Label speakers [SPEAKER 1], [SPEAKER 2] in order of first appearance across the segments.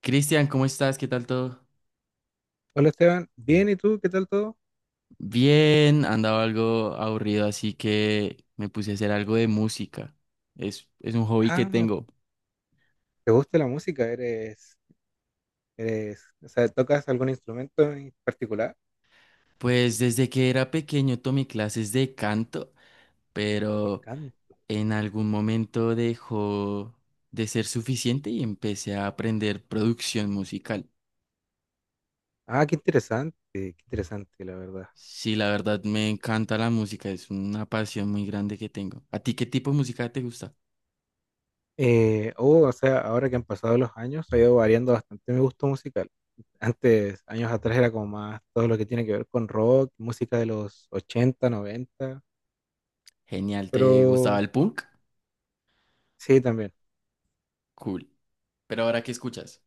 [SPEAKER 1] Cristian, ¿cómo estás? ¿Qué tal todo?
[SPEAKER 2] Hola Esteban, bien, ¿y tú? ¿Qué tal todo?
[SPEAKER 1] Bien, andaba algo aburrido, así que me puse a hacer algo de música. Es un hobby que
[SPEAKER 2] Ah,
[SPEAKER 1] tengo.
[SPEAKER 2] ¿te gusta la música? ¿ o sea, ¿tocas algún instrumento en particular?
[SPEAKER 1] Pues desde que era pequeño tomé clases de canto,
[SPEAKER 2] Y
[SPEAKER 1] pero
[SPEAKER 2] can-
[SPEAKER 1] en algún momento dejó de ser suficiente y empecé a aprender producción musical.
[SPEAKER 2] Ah, qué interesante, la verdad.
[SPEAKER 1] Sí, la verdad me encanta la música, es una pasión muy grande que tengo. ¿A ti qué tipo de música te gusta?
[SPEAKER 2] Oh, o sea, ahora que han pasado los años, ha ido variando bastante mi gusto musical. Antes, años atrás, era como más todo lo que tiene que ver con rock, música de los 80, 90,
[SPEAKER 1] Genial, ¿te gustaba
[SPEAKER 2] pero
[SPEAKER 1] el punk?
[SPEAKER 2] sí, también.
[SPEAKER 1] Cool. Pero ahora, ¿qué escuchas?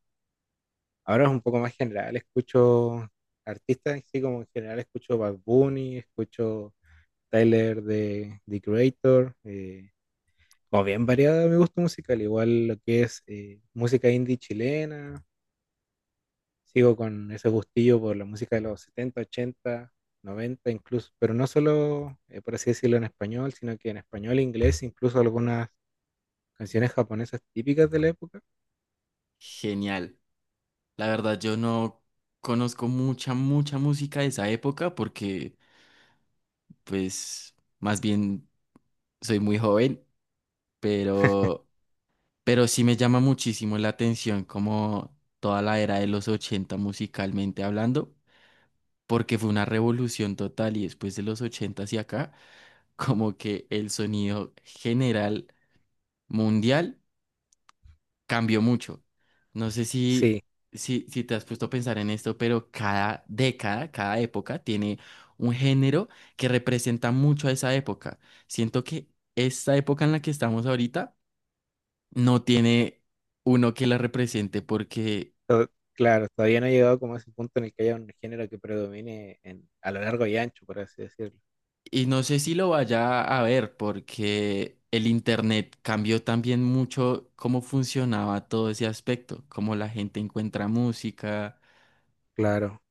[SPEAKER 2] Ahora es un poco más general, escucho artistas, sí, como en general escucho Bad Bunny, escucho Tyler de The Creator, como bien variada mi gusto musical, igual lo que es música indie chilena, sigo con ese gustillo por la música de los 70, 80, 90 incluso, pero no solo, por así decirlo, en español, sino que en español, e inglés, incluso algunas canciones japonesas típicas de la época.
[SPEAKER 1] Genial. La verdad, yo no conozco mucha música de esa época porque, pues, más bien soy muy joven, pero, pero sí me llama muchísimo la atención como toda la era de los 80 musicalmente hablando, porque fue una revolución total y después de los 80 hacia acá, como que el sonido general mundial cambió mucho. No sé si,
[SPEAKER 2] Sí,
[SPEAKER 1] si, si te has puesto a pensar en esto, pero cada década, cada época tiene un género que representa mucho a esa época. Siento que esta época en la que estamos ahorita no tiene uno que la represente porque,
[SPEAKER 2] claro, todavía no he llegado como a ese punto en el que haya un género que predomine a lo largo y ancho, por así decirlo.
[SPEAKER 1] y no sé si lo vaya a ver porque el internet cambió también mucho cómo funcionaba todo ese aspecto, cómo la gente encuentra música.
[SPEAKER 2] Claro.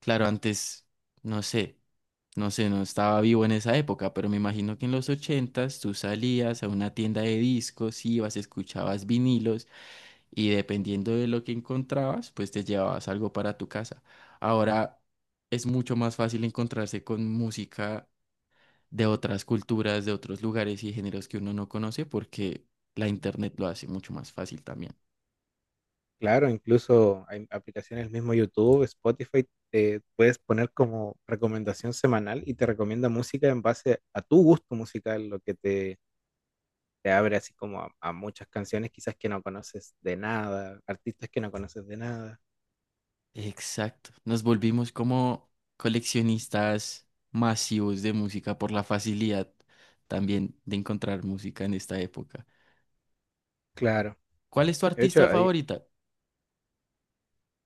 [SPEAKER 1] Claro, antes, no sé, no sé, no estaba vivo en esa época, pero me imagino que en los 80 tú salías a una tienda de discos, ibas, escuchabas vinilos y dependiendo de lo que encontrabas, pues te llevabas algo para tu casa. Ahora es mucho más fácil encontrarse con música de otras culturas, de otros lugares y géneros que uno no conoce porque la internet lo hace mucho más fácil también.
[SPEAKER 2] Claro, incluso hay aplicaciones, mismo YouTube, Spotify, te puedes poner como recomendación semanal y te recomienda música en base a tu gusto musical, te abre así como a muchas canciones quizás que no conoces de nada, artistas que no conoces de nada.
[SPEAKER 1] Exacto. Nos volvimos como coleccionistas masivos de música por la facilidad también de encontrar música en esta época.
[SPEAKER 2] Claro,
[SPEAKER 1] ¿Cuál es tu
[SPEAKER 2] de hecho,
[SPEAKER 1] artista
[SPEAKER 2] ahí,
[SPEAKER 1] favorita?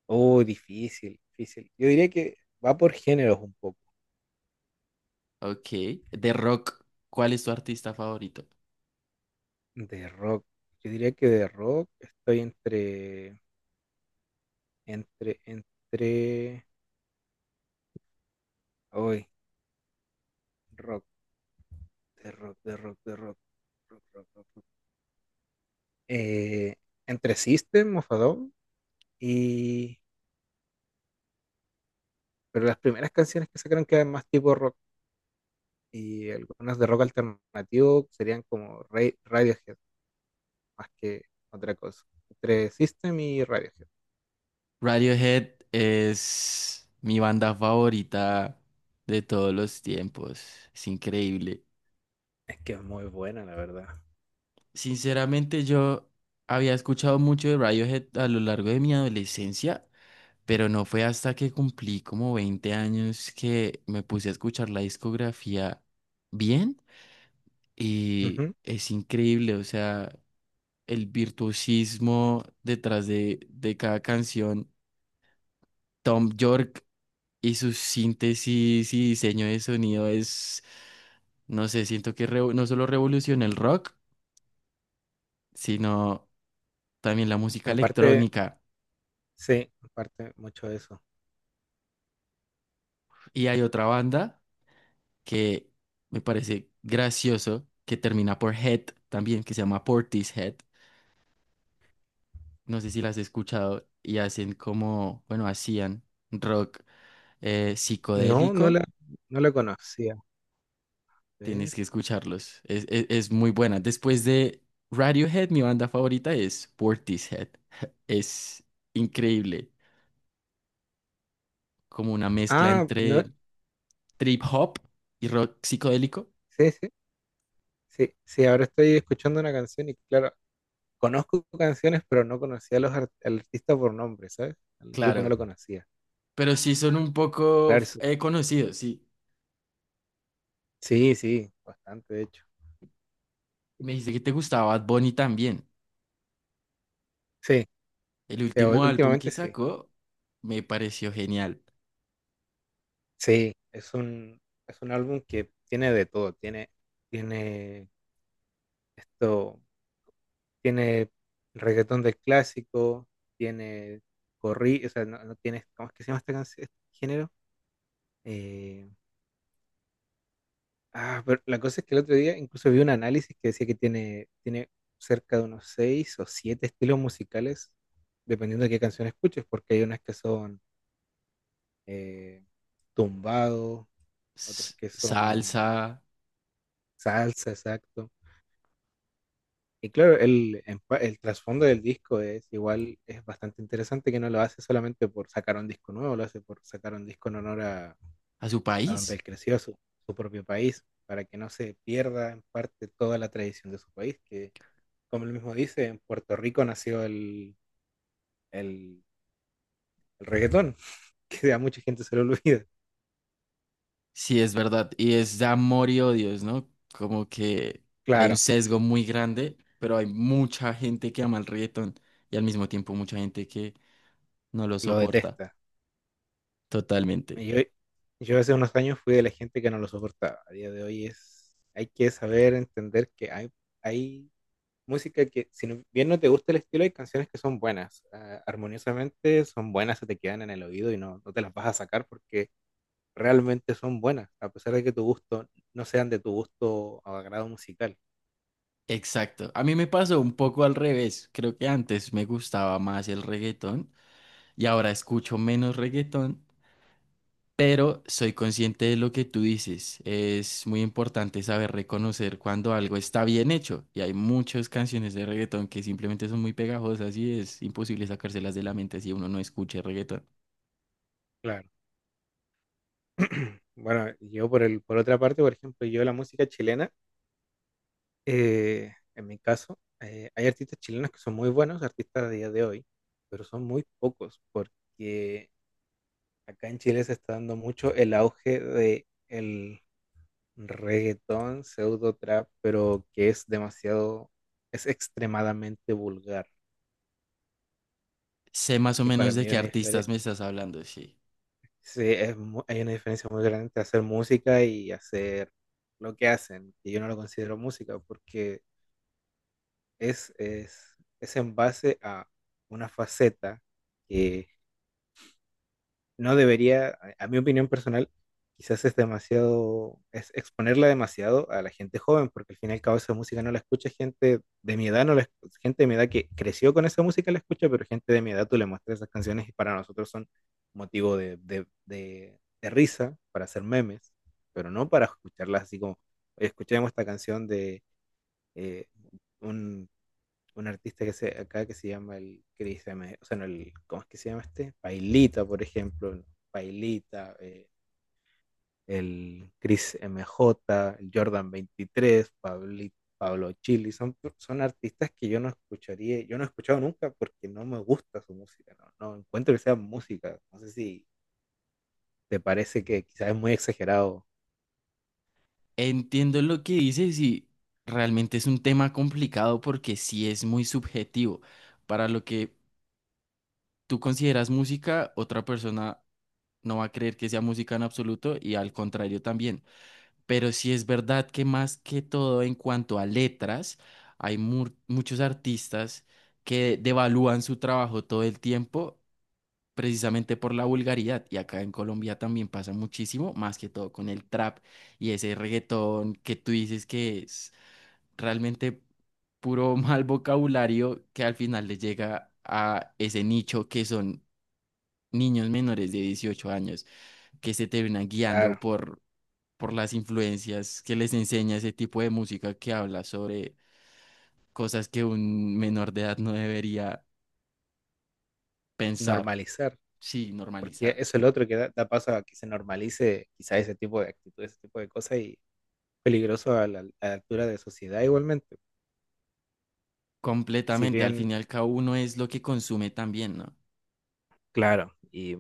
[SPEAKER 2] oh, difícil, difícil. Yo diría que va por géneros un poco,
[SPEAKER 1] Ok. De rock, ¿cuál es tu artista favorito?
[SPEAKER 2] de rock. Yo diría que de rock estoy entre hoy, rock. De rock, de rock, de rock. Rock, rock, rock, rock. Eh, entre System of a Down y... Pero las primeras canciones que sacaron quedan más tipo rock y algunas de rock alternativo serían como Radiohead, más que otra cosa. Entre System y Radiohead.
[SPEAKER 1] Radiohead es mi banda favorita de todos los tiempos. Es increíble.
[SPEAKER 2] Es que es muy buena, la verdad.
[SPEAKER 1] Sinceramente, yo había escuchado mucho de Radiohead a lo largo de mi adolescencia. Pero no fue hasta que cumplí como 20 años que me puse a escuchar la discografía bien y
[SPEAKER 2] Ujú.
[SPEAKER 1] es increíble, o sea, el virtuosismo detrás de cada canción. Tom York y su síntesis y diseño de sonido es, no sé, siento que no solo revolucionó el rock, sino también la música
[SPEAKER 2] En parte,
[SPEAKER 1] electrónica.
[SPEAKER 2] sí, en parte mucho de eso.
[SPEAKER 1] Y hay otra banda que me parece gracioso, que termina por Head también, que se llama Portishead. No sé si las has escuchado y hacen como, bueno, hacían rock
[SPEAKER 2] No, no
[SPEAKER 1] psicodélico.
[SPEAKER 2] la, no la conocía. A ver.
[SPEAKER 1] Tienes que escucharlos. Es muy buena. Después de Radiohead, mi banda favorita es Portishead. Es increíble. Como una mezcla
[SPEAKER 2] Ah, no,
[SPEAKER 1] entre trip hop y rock psicodélico.
[SPEAKER 2] sí, sí, sí, sí, ahora estoy escuchando una canción y claro, conozco canciones, pero no conocía a al artista por nombre, ¿sabes? El grupo no
[SPEAKER 1] Claro.
[SPEAKER 2] lo conocía.
[SPEAKER 1] Pero sí son un poco
[SPEAKER 2] Claro,
[SPEAKER 1] conocidos, sí.
[SPEAKER 2] sí, sí, bastante, de hecho.
[SPEAKER 1] Y me dijiste que te gustaba Bad Bunny también.
[SPEAKER 2] Sí,
[SPEAKER 1] El
[SPEAKER 2] sí,
[SPEAKER 1] último álbum que
[SPEAKER 2] últimamente sí.
[SPEAKER 1] sacó me pareció genial.
[SPEAKER 2] Sí, es un álbum que tiene de todo. Tiene esto, tiene reggaetón del clásico, tiene o sea, no, no tiene, ¿cómo es que se llama este, este género? Eh, Ah, pero la cosa es que el otro día incluso vi un análisis que decía que tiene cerca de unos seis o siete estilos musicales, dependiendo de qué canción escuches, porque hay unas que son eh, tumbado, otras que son
[SPEAKER 1] Salsa
[SPEAKER 2] salsa, exacto. Y claro, el trasfondo del disco es igual, es bastante interesante que no lo hace solamente por sacar un disco nuevo, lo hace por sacar un disco en honor
[SPEAKER 1] a su
[SPEAKER 2] a donde
[SPEAKER 1] país.
[SPEAKER 2] él creció, a su propio país, para que no se pierda en parte toda la tradición de su país, que como él mismo dice, en Puerto Rico nació el, el reggaetón, que a mucha gente se lo olvida.
[SPEAKER 1] Sí, es verdad. Y es de amor y odios, ¿no? Como que hay un
[SPEAKER 2] Claro,
[SPEAKER 1] sesgo muy grande, pero hay mucha gente que ama el reggaetón y al mismo tiempo mucha gente que no lo
[SPEAKER 2] lo
[SPEAKER 1] soporta
[SPEAKER 2] detesta.
[SPEAKER 1] totalmente.
[SPEAKER 2] Y Yo, yo hace unos años fui de la gente que no lo soportaba. A día de hoy es, hay que saber entender que hay música que, bien no te gusta el estilo, hay canciones que son buenas. Ah, armoniosamente son buenas, se te quedan en el oído y no, no te las vas a sacar porque realmente son buenas, a pesar de que tu gusto no sean de tu gusto o agrado musical.
[SPEAKER 1] Exacto. A mí me pasó un poco al revés. Creo que antes me gustaba más el reggaetón y ahora escucho menos reggaetón. Pero soy consciente de lo que tú dices. Es muy importante saber reconocer cuando algo está bien hecho. Y hay muchas canciones de reggaetón que simplemente son muy pegajosas y es imposible sacárselas de la mente si uno no escucha reggaetón.
[SPEAKER 2] Claro. Bueno, yo por otra parte, por ejemplo, yo la música chilena, en mi caso, hay artistas chilenos que son muy buenos, artistas a día de hoy, pero son muy pocos, porque acá en Chile se está dando mucho el auge de el reggaetón, pseudo trap, pero que es demasiado, es extremadamente vulgar.
[SPEAKER 1] Sé más o
[SPEAKER 2] Y para
[SPEAKER 1] menos de
[SPEAKER 2] mí
[SPEAKER 1] qué artistas me estás hablando, sí.
[SPEAKER 2] hay una diferencia muy grande entre hacer música y hacer lo que hacen, que yo no lo considero música, porque es en base a una faceta que no debería, a mi opinión personal, quizás es demasiado, es exponerla demasiado a la gente joven, porque al fin y al cabo esa música no la escucha gente de mi edad, no la, escu- gente de mi edad que creció con esa música la escucha, pero gente de mi edad tú le muestras esas canciones y para nosotros son motivo de risa, para hacer memes, pero no para escucharlas así como, "Oye, escuchemos esta canción de... eh, un un artista que acá que se llama el Chris M. O sea, no, el, ¿cómo es que se llama este? Pailita, por ejemplo. ¿No? Pailita, el Chris M J el Jordan 23, Pablito. Pablo Chili, son artistas que yo no escucharía, yo no he escuchado nunca porque no me gusta su música, no, no encuentro que sea música, no sé si te parece que quizás es muy exagerado,
[SPEAKER 1] Entiendo lo que dices y realmente es un tema complicado porque sí es muy subjetivo. Para lo que tú consideras música, otra persona no va a creer que sea música en absoluto y al contrario también. Pero sí es verdad que más que todo en cuanto a letras, hay muchos artistas que devalúan su trabajo todo el tiempo precisamente por la vulgaridad. Y acá en Colombia también pasa muchísimo, más que todo con el trap y ese reggaetón que tú dices que es realmente puro mal vocabulario que al final le llega a ese nicho que son niños menores de 18 años que se terminan guiando
[SPEAKER 2] claro,
[SPEAKER 1] por las influencias que les enseña ese tipo de música que habla sobre cosas que un menor de edad no debería pensar,
[SPEAKER 2] normalizar,
[SPEAKER 1] sí,
[SPEAKER 2] porque
[SPEAKER 1] normalizar.
[SPEAKER 2] eso es lo otro que da, da paso a que se normalice quizás ese tipo de actitudes, ese tipo de cosas y peligroso a a la altura de sociedad igualmente. Si
[SPEAKER 1] Completamente, al
[SPEAKER 2] bien,
[SPEAKER 1] fin y al cabo uno es lo que consume también, ¿no?
[SPEAKER 2] claro, y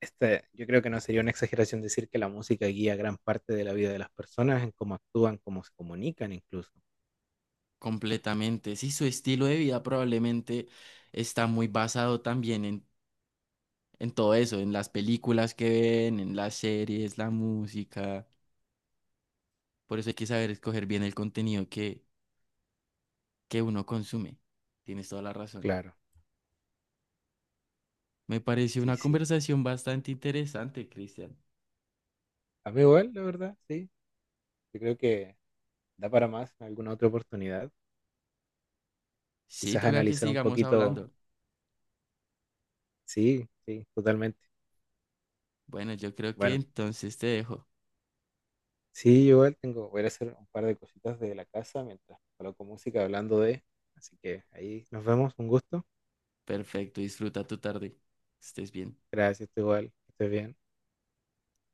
[SPEAKER 2] este, yo creo que no sería una exageración decir que la música guía gran parte de la vida de las personas en cómo actúan, cómo se comunican incluso.
[SPEAKER 1] Completamente. Sí, su estilo de vida probablemente está muy basado también en todo eso, en las películas que ven, en las series, la música. Por eso hay que saber escoger bien el contenido que uno consume. Tienes toda la razón.
[SPEAKER 2] Claro,
[SPEAKER 1] Me pareció
[SPEAKER 2] sí,
[SPEAKER 1] una
[SPEAKER 2] sí.
[SPEAKER 1] conversación bastante interesante, Cristian.
[SPEAKER 2] A mí igual, la verdad, sí. Yo creo que da para más en alguna otra oportunidad.
[SPEAKER 1] Sí,
[SPEAKER 2] Quizás
[SPEAKER 1] toca que
[SPEAKER 2] analizar un
[SPEAKER 1] sigamos
[SPEAKER 2] poquito,
[SPEAKER 1] hablando.
[SPEAKER 2] sí, sí, totalmente.
[SPEAKER 1] Bueno, yo creo que
[SPEAKER 2] Bueno,
[SPEAKER 1] entonces te dejo.
[SPEAKER 2] sí, yo igual tengo, voy a ir a hacer un par de cositas de la casa mientras coloco música hablando de, así que ahí nos vemos, un gusto.
[SPEAKER 1] Perfecto, disfruta tu tarde. Estés bien.
[SPEAKER 2] Gracias, tú igual. Que estés bien.